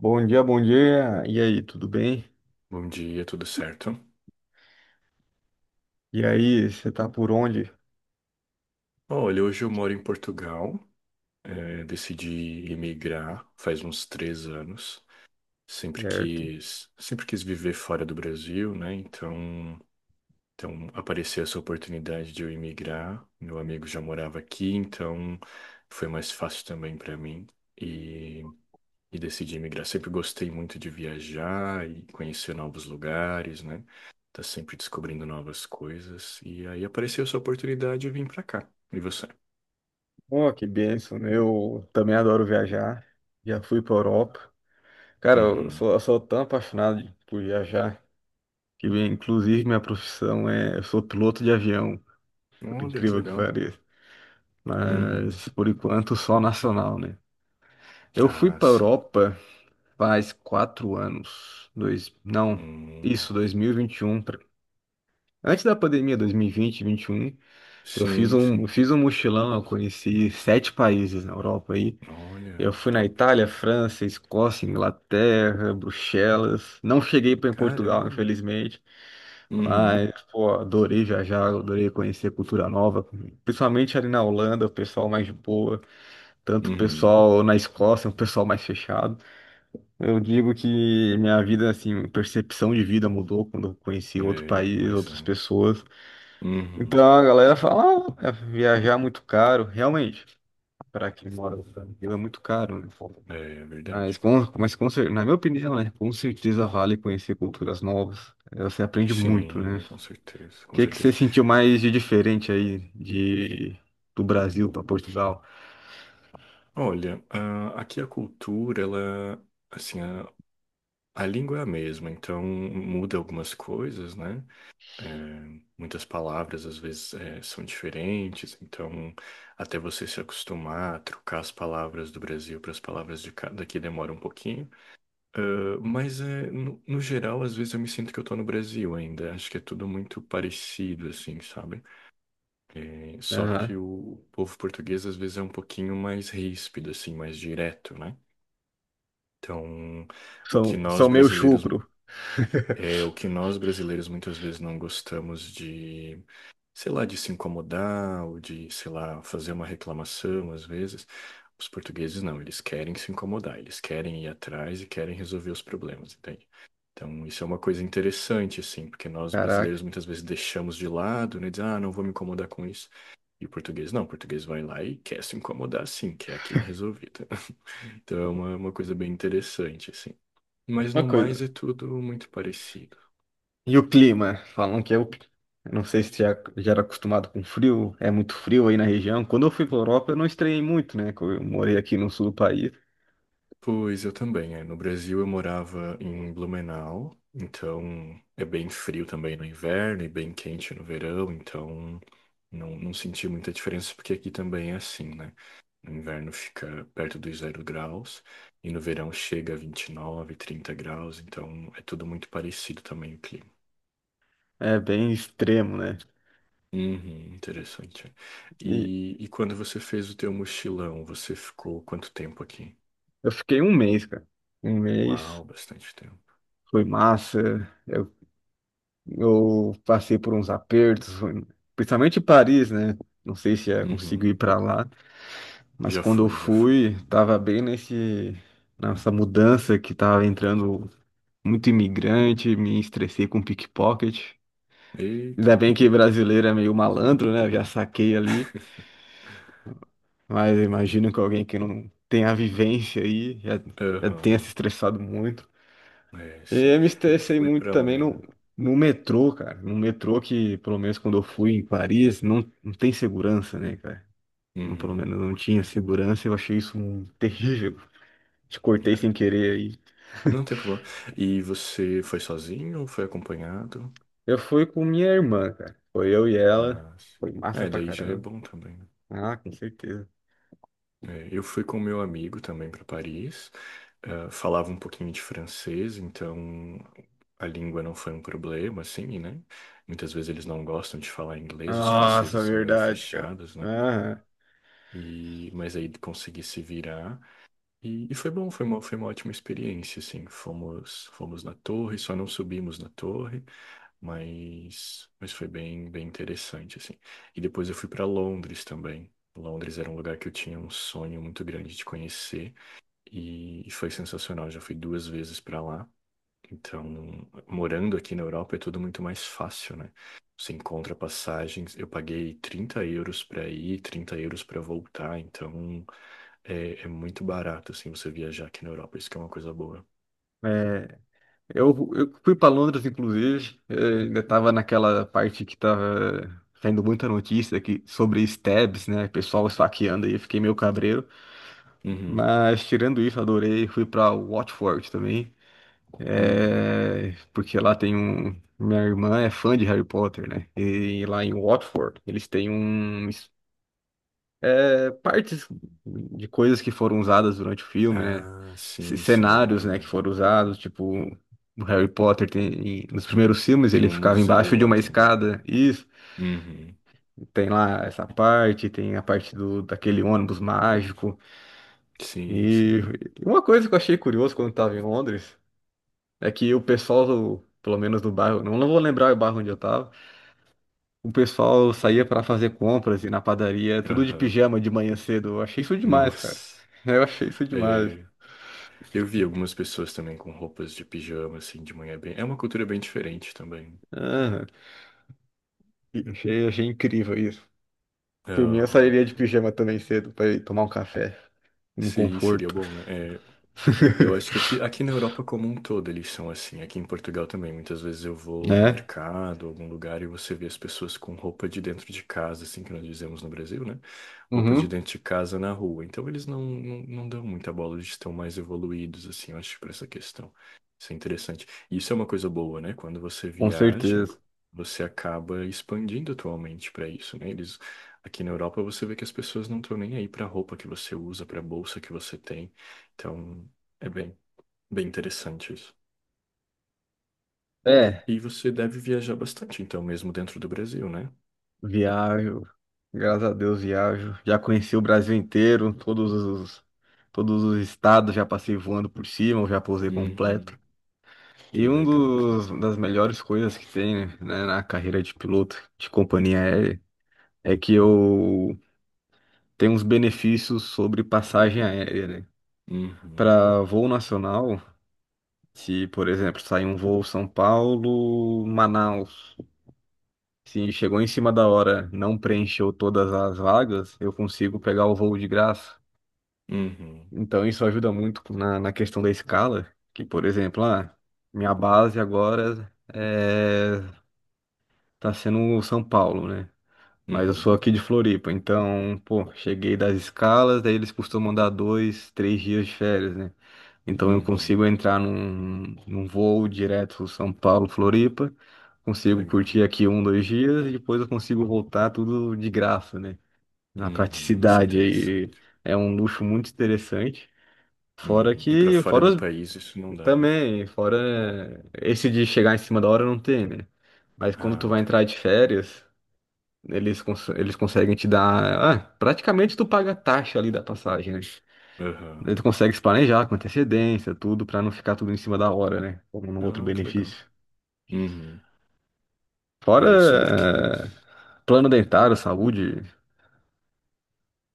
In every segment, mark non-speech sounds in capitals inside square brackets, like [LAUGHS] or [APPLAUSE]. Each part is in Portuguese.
Bom dia, bom dia. E aí, tudo bem? Bom dia, tudo certo? E aí, você tá por onde? Olha, hoje eu moro em Portugal, decidi emigrar faz uns 3 anos. Sempre Certo. quis, sempre quis viver fora do Brasil, né? Então, apareceu essa oportunidade de eu emigrar. Meu amigo já morava aqui, então foi mais fácil também para mim. E e decidi migrar. Sempre gostei muito de viajar e conhecer novos lugares, né? Tá sempre descobrindo novas coisas. E aí apareceu essa oportunidade e vim pra cá. E você? Oh, que bênção, né? Eu também adoro viajar. Já fui pra Europa. Cara, eu Uhum. sou, eu sou tão apaixonado por viajar que, inclusive, minha profissão é. Eu sou piloto de avião, por Olha, que incrível que legal. pareça. Uhum. Mas, por enquanto, só nacional, né? Eu fui Ah, pra sim. Europa faz 4 anos. Não, Uhum. isso, 2021. Antes da pandemia, 2021. Eu fiz Sim, um, sim. eu fiz um mochilão, eu conheci sete países na Europa aí. Olha, Eu fui na top. Itália, França, Escócia, Inglaterra, Bruxelas. Não cheguei para em Portugal, Caramba. infelizmente. Uhum. Mas, pô, adorei viajar, adorei conhecer cultura nova. Principalmente ali na Holanda, o pessoal mais de boa. Tanto o Uhum. pessoal na Escócia, um pessoal mais fechado. Eu digo que minha vida, assim, percepção de vida mudou quando eu conheci outro É, país, mas é. outras pessoas. Uhum. Então a galera fala, ah, é viajar é muito caro, realmente, para quem mora no Brasil é muito caro, né? É, é Mas, verdade. Na minha opinião, né, com certeza vale conhecer culturas novas. Você aprende muito, né? Sim, O com certeza, com que que você certeza. sentiu mais de diferente aí do Brasil para Portugal? Olha, ah, aqui a cultura, ela, assim, a- A língua é a mesma, então muda algumas coisas, né? Muitas palavras às vezes são diferentes, então até você se acostumar a trocar as palavras do Brasil para as palavras de cá, daqui demora um pouquinho. Ah, mas no geral, às vezes eu me sinto que eu tô no Brasil ainda. Acho que é tudo muito parecido, assim, sabe? Eh, só Aham. que o povo português às vezes é um pouquinho mais ríspido, assim, mais direto, né? Então, o que São nós meio brasileiros chucro. É [LAUGHS] o que nós brasileiros muitas vezes não gostamos de, sei lá, de se incomodar ou de, sei lá, fazer uma reclamação às vezes. Os portugueses não, eles querem se incomodar, eles querem ir atrás e querem resolver os problemas, entende? Então, isso é uma coisa interessante, assim, porque nós brasileiros Caraca. muitas vezes deixamos de lado, né? Diz, ah, não vou me incomodar com isso. E o português não, o português vai lá e quer se incomodar, sim, quer aquilo resolvido. [LAUGHS] Então, é uma coisa bem interessante, assim. Mas Uma no mais coisa. é tudo muito parecido. E o clima? Falam que é o. Eu não sei se já era acostumado com frio, é muito frio aí na região. Quando eu fui para Europa, eu não estranhei muito, né? Que eu morei aqui no sul do país. Pois eu também, é. No Brasil eu morava em Blumenau, então é bem frio também no inverno e bem quente no verão, então não senti muita diferença porque aqui também é assim, né? No inverno fica perto dos 0 graus e no verão chega a 29, 30 graus, então é tudo muito parecido também o clima. É bem extremo, né? Uhum, interessante. É. E E quando você fez o teu mochilão, você ficou quanto tempo aqui? eu fiquei um mês, cara. Um mês, Uau, bastante tempo. foi massa. Eu passei por uns apertos, principalmente em Paris, né? Não sei se eu consigo Uhum, ir para lá, mas já quando eu fui, já fui. fui, tava bem nesse nessa mudança que tava entrando muito imigrante, me estressei com pickpocket. Ainda Eita. bem que brasileiro é meio malandro, né? Eu já saquei ali, [LAUGHS] mas eu imagino que alguém que não tem a vivência aí já tenha se Aham. estressado muito. É, sim. E eu me Eu estressei fui muito pra também lá. no metrô, cara. No metrô que, pelo menos quando eu fui em Paris, não tem segurança, né, cara? Não, pelo Uhum. menos não tinha segurança. Eu achei isso terrível. Te cortei sem É. querer aí. Não tem problema. E você foi sozinho ou foi acompanhado? Eu fui com minha irmã, cara. Foi eu e ela. Ah, sim. Foi massa É, pra daí já é caramba. bom também, né? Ah, com certeza. É, eu fui com meu amigo também para Paris. Ah, falava um pouquinho de francês, então a língua não foi um problema, assim, né? Muitas vezes eles não gostam de falar inglês, os Nossa, franceses são meio verdade, cara. fechados, né? Aham. E, mas aí consegui se virar. E foi bom, foi foi uma ótima experiência, assim. Fomos na torre, só não subimos na torre, mas foi bem interessante, assim. E depois eu fui para Londres também. Londres era um lugar que eu tinha um sonho muito grande de conhecer e foi sensacional. Já fui 2 vezes para lá. Então, morando aqui na Europa é tudo muito mais fácil, né? Você encontra passagens. Eu paguei 30 euros para ir, 30 euros para voltar. Então, é muito barato, assim, você viajar aqui na Europa. Isso que é uma coisa boa. É, eu fui para Londres, inclusive, ainda estava naquela parte que estava saindo muita notícia sobre stabs, né? Pessoal esfaqueando aí, eu fiquei meio cabreiro. Uhum, Mas tirando isso, adorei. Fui para Watford também, uhum. Porque lá tem um. Minha irmã é fã de Harry Potter, né? E lá em Watford, eles têm partes de coisas que foram usadas durante o filme, né? Ah, sim, sim, Cenários, eu né, que lembro. foram usados, tipo, o Harry Potter tem, nos primeiros filmes Tem ele um ficava museu embaixo de lá uma também. escada. Isso, Uhum. tem lá essa parte, tem a parte do daquele ônibus mágico. Sim, sim. E uma coisa que eu achei curioso quando eu tava em Londres é que o pessoal Pelo menos do bairro, não vou lembrar o bairro onde eu tava. O pessoal saía pra fazer compras e na padaria, tudo de Aham. pijama de manhã cedo. Eu achei isso demais, cara. Nossa. [LAUGHS] Eu achei isso demais. É, eu vi algumas pessoas também com roupas de pijama, assim, de manhã. É bem, é uma cultura bem diferente também. Aham. Achei incrível isso. Por mim, eu Aham. sairia de pijama também cedo para ir tomar um café, um Sim, seria conforto. bom, né? É, [LAUGHS] eu acho que aqui na Europa como um todo eles são assim. Aqui em Portugal também. Muitas vezes eu vou no Né? mercado, algum lugar, e você vê as pessoas com roupa de dentro de casa, assim que nós dizemos no Brasil, né? Roupas de Uhum. dentro de casa na rua. Então eles não dão muita bola, eles estão mais evoluídos, assim, eu acho, para essa questão. Isso é interessante. E isso é uma coisa boa, né? Quando você Com viaja, certeza. você acaba expandindo atualmente para isso, né? Eles, aqui na Europa você vê que as pessoas não estão nem aí para a roupa que você usa, para a bolsa que você tem. Então, é bem interessante isso. É, E você deve viajar bastante, então, mesmo dentro do Brasil, né? viajo. Graças a Deus viajo. Já conheci o Brasil inteiro, todos os estados, já passei voando por cima, eu já pousei completo. Uhum. Que E um legal, que dos legal. das melhores coisas que tem, né, na carreira de piloto de companhia aérea é que eu tenho uns benefícios sobre passagem aérea, né? Uhum. Para voo nacional, se, por exemplo, sai um voo São Paulo, Manaus, se chegou em cima da hora, não preencheu todas as vagas, eu consigo pegar o voo de graça. Uhum. Então isso ajuda muito na questão da escala, que, por exemplo, minha base agora tá sendo o São Paulo, né? Mas eu Uhum. sou aqui de Floripa, então, pô, cheguei das escalas, daí eles costumam dar dois, três dias de férias, né? Então eu consigo Uhum. entrar num voo direto São Paulo, Floripa, Que consigo legal. curtir aqui um, dois dias e depois eu consigo voltar tudo de graça, né? Na Uhum. Isso é praticidade aí. interessante. É um luxo muito interessante. Fora Uhum. E para que, fora fora do país isso não dá, né? também, fora esse de chegar em cima da hora não tem, né? Mas quando tu Ah, vai ok. entrar de férias, eles, eles conseguem te dar. Ah, praticamente tu paga a taxa ali da passagem, né? Aham. Daí tu consegue se planejar com antecedência, tudo, pra não ficar tudo em cima da hora, né? Como no outro Ah, que legal. benefício. Uhum. É, Fora eu sempre quis. plano dentário, saúde.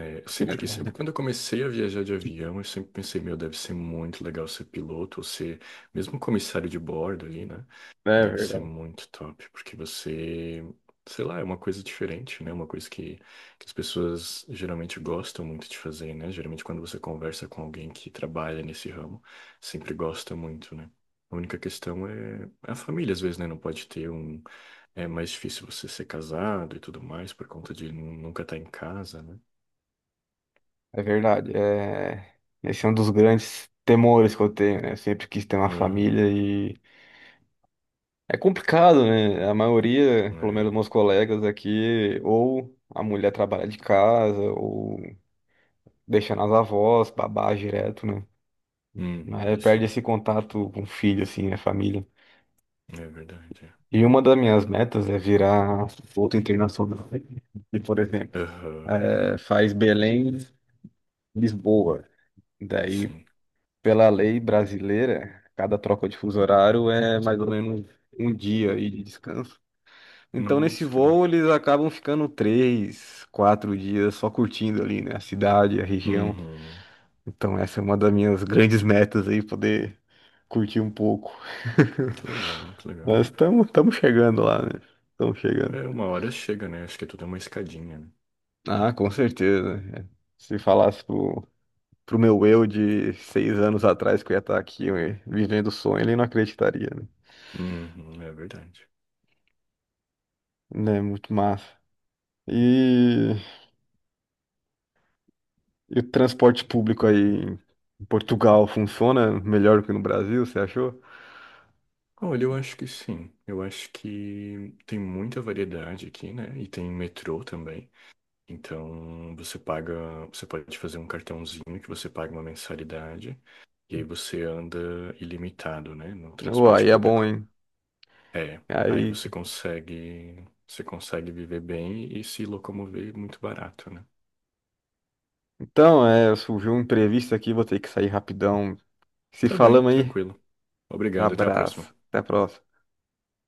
É, quando eu comecei a viajar de avião, eu sempre pensei, meu, deve ser muito legal ser piloto ou ser mesmo comissário de bordo ali, né? É Deve ser verdade. muito top, porque você, sei lá, é uma coisa diferente, né? Uma coisa que as pessoas geralmente gostam muito de fazer, né? Geralmente quando você conversa com alguém que trabalha nesse ramo, sempre gosta muito, né? A única questão é a família, às vezes, né? Não pode ter um. É mais difícil você ser casado e tudo mais por conta de nunca estar em casa, né? É verdade. É. Esse é um dos grandes temores que eu tenho, né? Eu sempre quis ter uma Aham, família e é complicado, né? A maioria, pelo menos é. meus colegas aqui, ou a mulher trabalha de casa, ou deixa nas avós, babá direto, né? Mas Uhum, aí isso perde esse contato com o filho, assim, né, a família. é. É verdade. É. E uma das minhas metas é virar outro internacional. E, por exemplo, Aham, faz Belém, Lisboa. Daí, sim. pela lei brasileira, cada troca de fuso horário é mais ou menos um dia aí de descanso. Então, nesse Nossa, que voo, massa. eles acabam ficando três, quatro dias só curtindo ali, né? A cidade, a região. Uhum, Então, essa é uma das minhas grandes metas aí, poder curtir um pouco. que legal, que [LAUGHS] legal. Mas estamos chegando lá, né? Estamos chegando. É, uma hora chega, né? Acho que é tudo é uma escadinha, né? Ah, com certeza. É. Se falasse pro meu eu de 6 anos atrás que eu ia estar aqui vivendo o sonho, ele não acreditaria, né? Uhum, é verdade. Né? Muito massa. E, e o transporte público aí em Portugal funciona melhor que no Brasil, você achou? Olha, eu acho que sim. Eu acho que tem muita variedade aqui, né? E tem metrô também. Então, você paga, você pode fazer um cartãozinho que você paga uma mensalidade e aí você anda ilimitado, né? No Ué, transporte aí é bom, público. hein? É, aí Aí, você consegue viver bem e se locomover muito barato, né? então, é, surgiu um imprevisto aqui, vou ter que sair rapidão. Se Tá bem, falamos aí, tranquilo. Obrigado, até a próxima. abraço. Até a próxima.